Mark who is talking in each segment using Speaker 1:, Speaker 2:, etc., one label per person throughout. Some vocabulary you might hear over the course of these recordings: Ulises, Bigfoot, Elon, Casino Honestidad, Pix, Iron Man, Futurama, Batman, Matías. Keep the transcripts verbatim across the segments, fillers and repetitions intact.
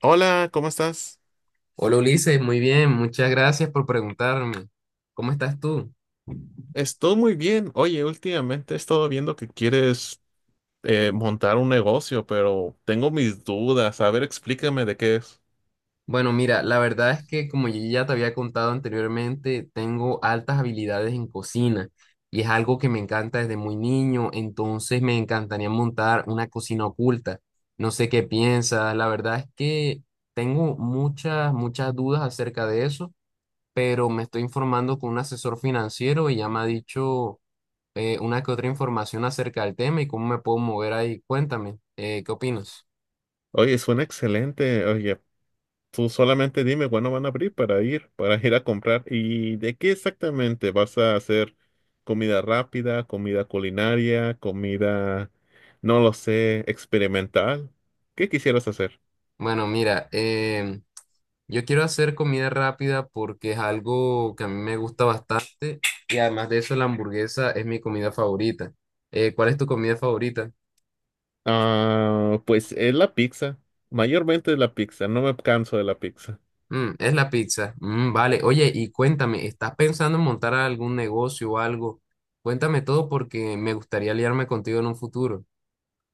Speaker 1: Hola, ¿cómo estás?
Speaker 2: Hola Ulises, muy bien, muchas gracias por preguntarme. ¿Cómo estás tú?
Speaker 1: Estoy muy bien. Oye, últimamente he estado viendo que quieres eh, montar un negocio, pero tengo mis dudas. A ver, explícame de qué es.
Speaker 2: Bueno, mira, la verdad es que, como yo ya te había contado anteriormente, tengo altas habilidades en cocina y es algo que me encanta desde muy niño. Entonces me encantaría montar una cocina oculta. No sé qué piensas. La verdad es que tengo muchas, muchas dudas acerca de eso, pero me estoy informando con un asesor financiero y ya me ha dicho eh, una que otra información acerca del tema y cómo me puedo mover ahí. Cuéntame, eh, ¿qué opinas?
Speaker 1: Oye, suena excelente. Oye, tú solamente dime cuándo van a abrir para ir, para ir a comprar. ¿Y de qué exactamente vas a hacer? ¿Comida rápida, comida culinaria, comida, no lo sé, experimental? ¿Qué quisieras hacer?
Speaker 2: Bueno, mira, em, yo quiero hacer comida rápida porque es algo que a mí me gusta bastante, y además de eso la hamburguesa es mi comida favorita. Eh, ¿cuál es tu comida favorita?
Speaker 1: Ah, pues es la pizza. Mayormente es la pizza. No me canso de la pizza.
Speaker 2: Mm, es la pizza. Mm, vale, oye, y cuéntame, ¿estás pensando en montar algún negocio o algo? Cuéntame todo porque me gustaría aliarme contigo en un futuro.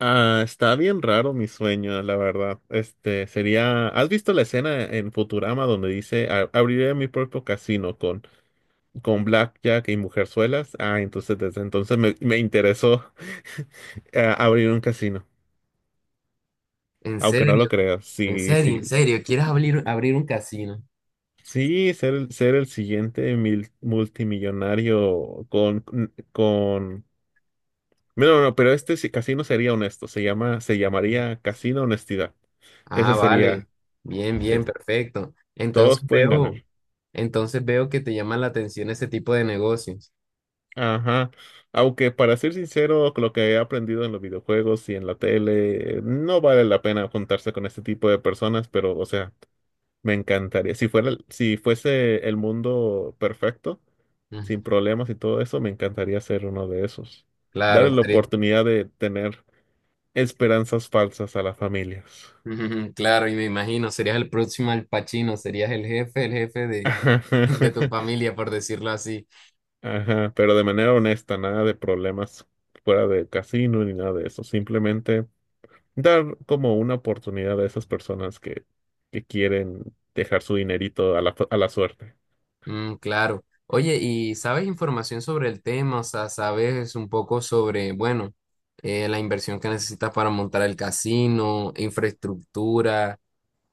Speaker 1: Ah, está bien raro mi sueño, la verdad. Este sería. ¿Has visto la escena en Futurama donde dice "A- abriré mi propio casino con con Blackjack y Mujerzuelas."? Ah, entonces desde entonces me, me interesó eh, abrir un casino.
Speaker 2: En
Speaker 1: Aunque no lo
Speaker 2: serio,
Speaker 1: creas,
Speaker 2: en
Speaker 1: sí,
Speaker 2: serio,
Speaker 1: sí.
Speaker 2: en serio,
Speaker 1: su-
Speaker 2: ¿quieres abrir, abrir un casino?
Speaker 1: Sí, ser, el- ser el siguiente mil- multimillonario con, con... No, no, no, pero este sí- casino sería honesto. Se llama, se llamaría Casino Honestidad. Ese
Speaker 2: Ah, vale.
Speaker 1: sería.
Speaker 2: Bien, bien,
Speaker 1: es-
Speaker 2: perfecto.
Speaker 1: Todos
Speaker 2: Entonces
Speaker 1: pueden ganar.
Speaker 2: veo, entonces veo que te llama la atención ese tipo de negocios.
Speaker 1: Ajá. Aunque para ser sincero, con lo que he aprendido en los videojuegos y en la tele, no vale la pena juntarse con este tipo de personas, pero, o sea, me encantaría. Si fuera, si fuese el mundo perfecto, sin
Speaker 2: Mm,
Speaker 1: problemas y todo eso, me encantaría ser uno de esos. Darle
Speaker 2: Claro,
Speaker 1: la
Speaker 2: seré-
Speaker 1: oportunidad de tener esperanzas falsas a las familias.
Speaker 2: ujú, claro, y me imagino, serías el próximo Al Pacino, serías el jefe, el jefe de, de tu familia, por decirlo así.
Speaker 1: Ajá, pero de manera honesta, nada de problemas fuera de casino ni nada de eso. Simplemente dar como una oportunidad a esas personas que, que quieren dejar su dinerito a la, a la suerte.
Speaker 2: Mm, claro. Oye, ¿y sabes información sobre el tema? O sea, ¿sabes un poco sobre, bueno, eh, la inversión que necesitas para montar el casino, infraestructura?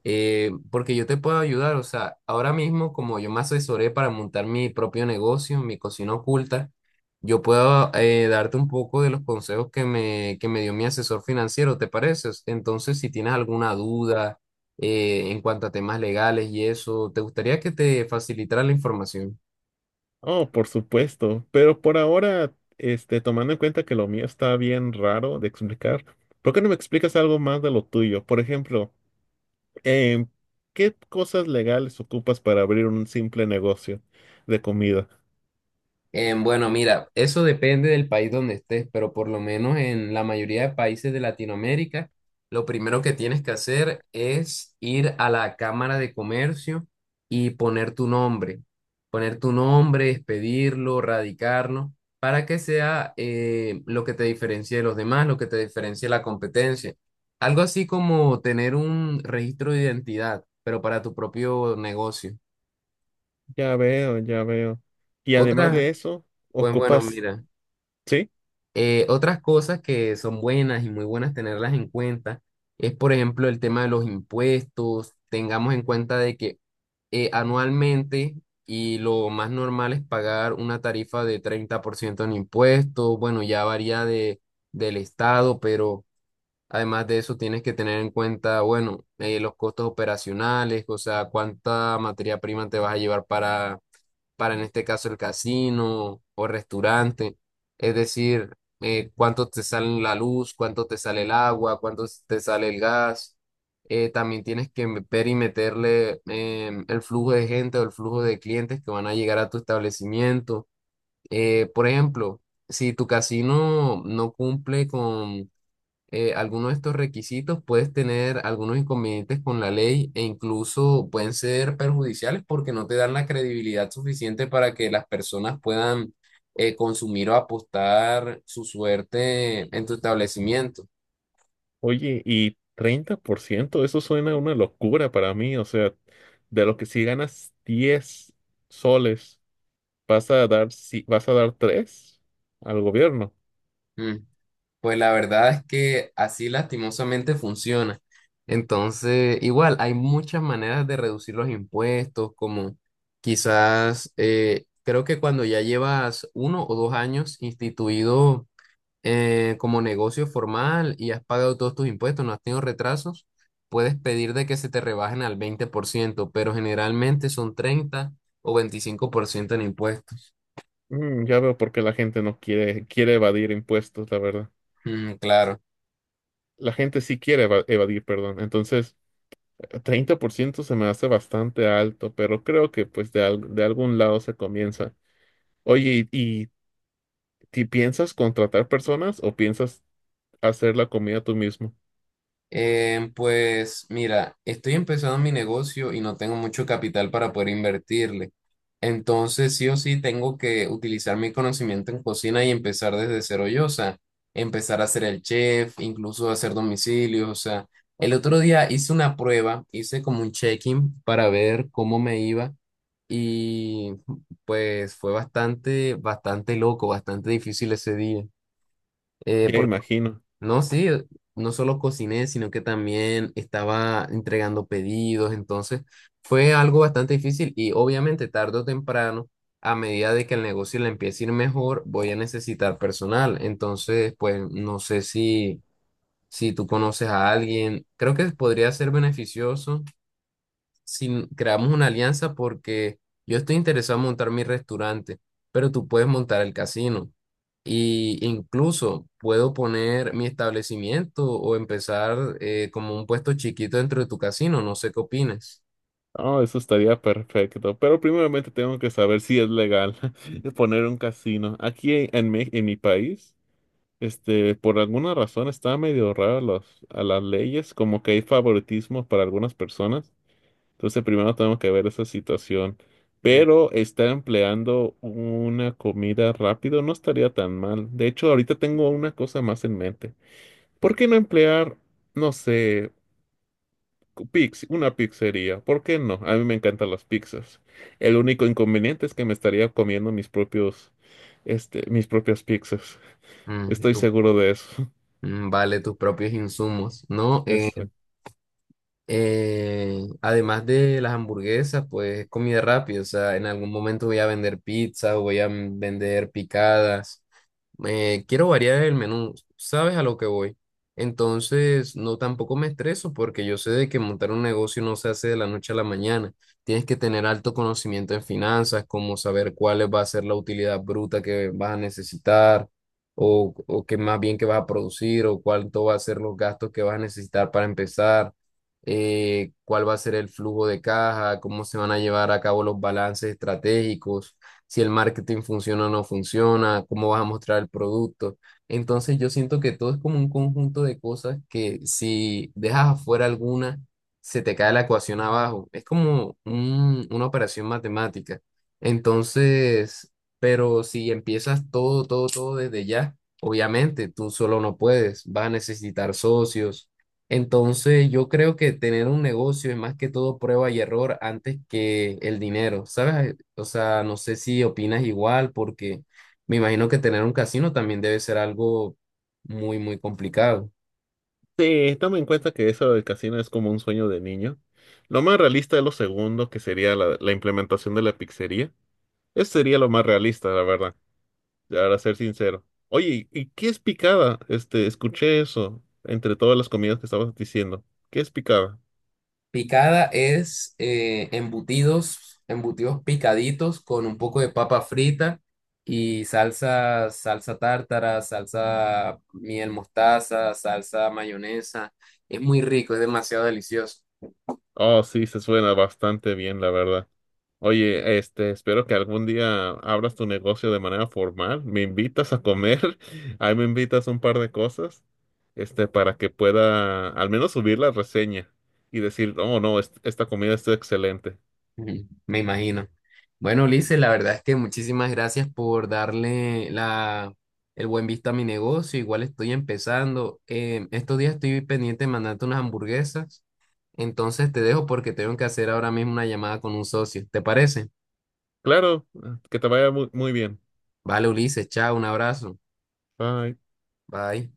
Speaker 2: Eh, porque yo te puedo ayudar, o sea, ahora mismo, como yo me asesoré para montar mi propio negocio, mi cocina oculta, yo puedo, eh, darte un poco de los consejos que me, que me dio mi asesor financiero, ¿te parece? Entonces, si tienes alguna duda eh, en cuanto a temas legales y eso, ¿te gustaría que te facilitara la información?
Speaker 1: Oh, por supuesto, pero por ahora, este, tomando en cuenta que lo mío está bien raro de explicar, ¿por qué no me explicas algo más de lo tuyo? Por ejemplo, em, ¿qué cosas legales ocupas para abrir un simple negocio de comida?
Speaker 2: Eh, bueno, mira, eso depende del país donde estés, pero por lo menos en la mayoría de países de Latinoamérica, lo primero que tienes que hacer es ir a la Cámara de Comercio y poner tu nombre, poner tu nombre, expedirlo, radicarlo, para que sea, eh, lo que te diferencie de los demás, lo que te diferencie de la competencia. Algo así como tener un registro de identidad, pero para tu propio negocio.
Speaker 1: Ya veo, ya veo. Y además
Speaker 2: Otra,
Speaker 1: de eso,
Speaker 2: pues bueno,
Speaker 1: ocupas.
Speaker 2: mira.
Speaker 1: ¿Sí?
Speaker 2: Eh, otras cosas que son buenas y muy buenas tenerlas en cuenta es, por ejemplo, el tema de los impuestos. Tengamos en cuenta de que, eh, anualmente, y lo más normal es pagar una tarifa de treinta por ciento en impuestos. Bueno, ya varía de, del estado. Pero además de eso tienes que tener en cuenta, bueno, eh, los costos operacionales, o sea, cuánta materia prima te vas a llevar para para en este caso el casino o restaurante. Es decir, eh, cuánto te sale la luz, cuánto te sale el agua, cuánto te sale el gas. Eh, también tienes que ver y meterle, em, el flujo de gente o el flujo de clientes que van a llegar a tu establecimiento. Eh, por ejemplo, si tu casino no cumple con, eh, algunos de estos requisitos, puedes tener algunos inconvenientes con la ley e incluso pueden ser perjudiciales porque no te dan la credibilidad suficiente para que las personas puedan, eh, consumir o apostar su suerte en tu establecimiento.
Speaker 1: Oye, y treinta por ciento eso suena una locura para mí. O sea, de lo que si ganas diez soles, vas a dar, si, vas a dar tres al gobierno.
Speaker 2: Mm, pues la verdad es que así lastimosamente funciona. Entonces, igual, hay muchas maneras de reducir los impuestos, como quizás, eh, creo que cuando ya llevas uno o dos años instituido eh, como negocio formal y has pagado todos tus impuestos, no has tenido retrasos, puedes pedir de que se te rebajen al veinte por ciento, pero generalmente son treinta o veinticinco por ciento en impuestos.
Speaker 1: Mm, ya veo por qué la gente no quiere, quiere evadir impuestos, la verdad.
Speaker 2: Mm, claro.
Speaker 1: La gente sí quiere eva- evadir, perdón. Entonces, treinta por ciento se me hace bastante alto, pero creo que pues de, al- de algún lado se comienza. Oye, ¿y, y ti piensas contratar personas o piensas hacer la comida tú mismo?
Speaker 2: Eh, pues mira, estoy empezando mi negocio y no tengo mucho capital para poder invertirle. Entonces, sí o sí, tengo que utilizar mi conocimiento en cocina y empezar desde cero yo. O sea, empezar a ser el chef, incluso hacer domicilios. O sea, el otro día hice una prueba, hice como un check-in para ver cómo me iba, y pues fue bastante, bastante loco, bastante difícil ese día. Eh,
Speaker 1: Ya imagino.
Speaker 2: no, sí, no solo cociné, sino que también estaba entregando pedidos. Entonces fue algo bastante difícil. Y obviamente tarde o temprano, a medida de que el negocio le empiece a ir mejor, voy a necesitar personal. Entonces, pues no sé si, si tú conoces a alguien, creo que podría ser beneficioso si creamos una alianza, porque yo estoy interesado en montar mi restaurante, pero tú puedes montar el casino. Y incluso puedo poner mi establecimiento o empezar, eh, como un puesto chiquito dentro de tu casino. No sé qué opines.
Speaker 1: Oh, eso estaría perfecto. Pero primeramente tengo que saber si es legal poner un casino. Aquí en mi, en mi país, este, por alguna razón está medio raro los, a las leyes, como que hay favoritismo para algunas personas. Entonces primero tengo que ver esa situación.
Speaker 2: Mm,
Speaker 1: Pero estar empleando una comida rápido no estaría tan mal. De hecho, ahorita tengo una cosa más en mente. ¿Por qué no emplear, no sé, Pix, una pizzería? ¿Por qué no? A mí me encantan las pizzas. El único inconveniente es que me estaría comiendo mis propios, este, mis propias pizzas.
Speaker 2: mm,
Speaker 1: Estoy
Speaker 2: tú-
Speaker 1: seguro de eso.
Speaker 2: mm, vale, tus propios insumos, ¿no? Eh,
Speaker 1: Eso.
Speaker 2: eh, además de las hamburguesas, pues es comida rápida, o sea, en algún momento voy a vender pizza o voy a, mm, vender picadas. Me quiero variar el menú, ¿sabes a lo que voy? Entonces, no, tampoco me estreso porque yo sé de que montar un negocio no se hace de la noche a la mañana. Tienes que tener alto conocimiento en finanzas, como saber cuál va a ser la utilidad bruta que vas a necesitar, o, o qué más bien que vas a producir, o cuánto va a ser los gastos que vas a necesitar para empezar, eh, cuál va a ser el flujo de caja, cómo se van a llevar a cabo los balances estratégicos, si el marketing funciona o no funciona, cómo vas a mostrar el producto. Entonces yo siento que todo es como un conjunto de cosas que si dejas afuera alguna, se te cae la ecuación abajo. Es como un- una operación matemática. Entonces, pero si empiezas todo, todo, todo desde ya, obviamente tú solo no puedes, vas a necesitar socios. Entonces, yo creo que tener un negocio es más que todo prueba y error antes que el dinero, ¿sabes? O sea, no sé si opinas igual, porque me imagino que tener un casino también debe ser algo muy, muy complicado.
Speaker 1: Sí, toma en cuenta que eso del casino es como un sueño de niño. Lo más realista es lo segundo, que sería la, la implementación de la pizzería. Eso sería lo más realista, la verdad, para ser sincero. Oye, ¿y qué es picada? Este, escuché eso entre todas las comidas que estabas diciendo. ¿Qué es picada?
Speaker 2: Picada es, eh, embutidos, embutidos picaditos con un poco de papa frita y salsa, salsa tártara, salsa miel mostaza, salsa mayonesa. Es muy rico, es demasiado delicioso.
Speaker 1: Oh, sí, se suena bastante bien, la verdad. Oye, este, espero que algún día abras tu negocio de manera formal. Me invitas a comer, ahí me invitas un par de cosas, este, para que pueda al menos subir la reseña y decir, oh, no, es- esta comida está excelente.
Speaker 2: Ujú, me imagino. Bueno, Ulises, la verdad es que muchísimas gracias por darle la, el buen visto a mi negocio. Igual estoy empezando. Eh, estos días estoy pendiente de mandarte unas hamburguesas. Entonces te dejo porque tengo que hacer ahora mismo una llamada con un socio. ¿Te parece?
Speaker 1: Claro, que te vaya muy, muy bien.
Speaker 2: Vale, Ulises, chao, un abrazo.
Speaker 1: Bye.
Speaker 2: Bye.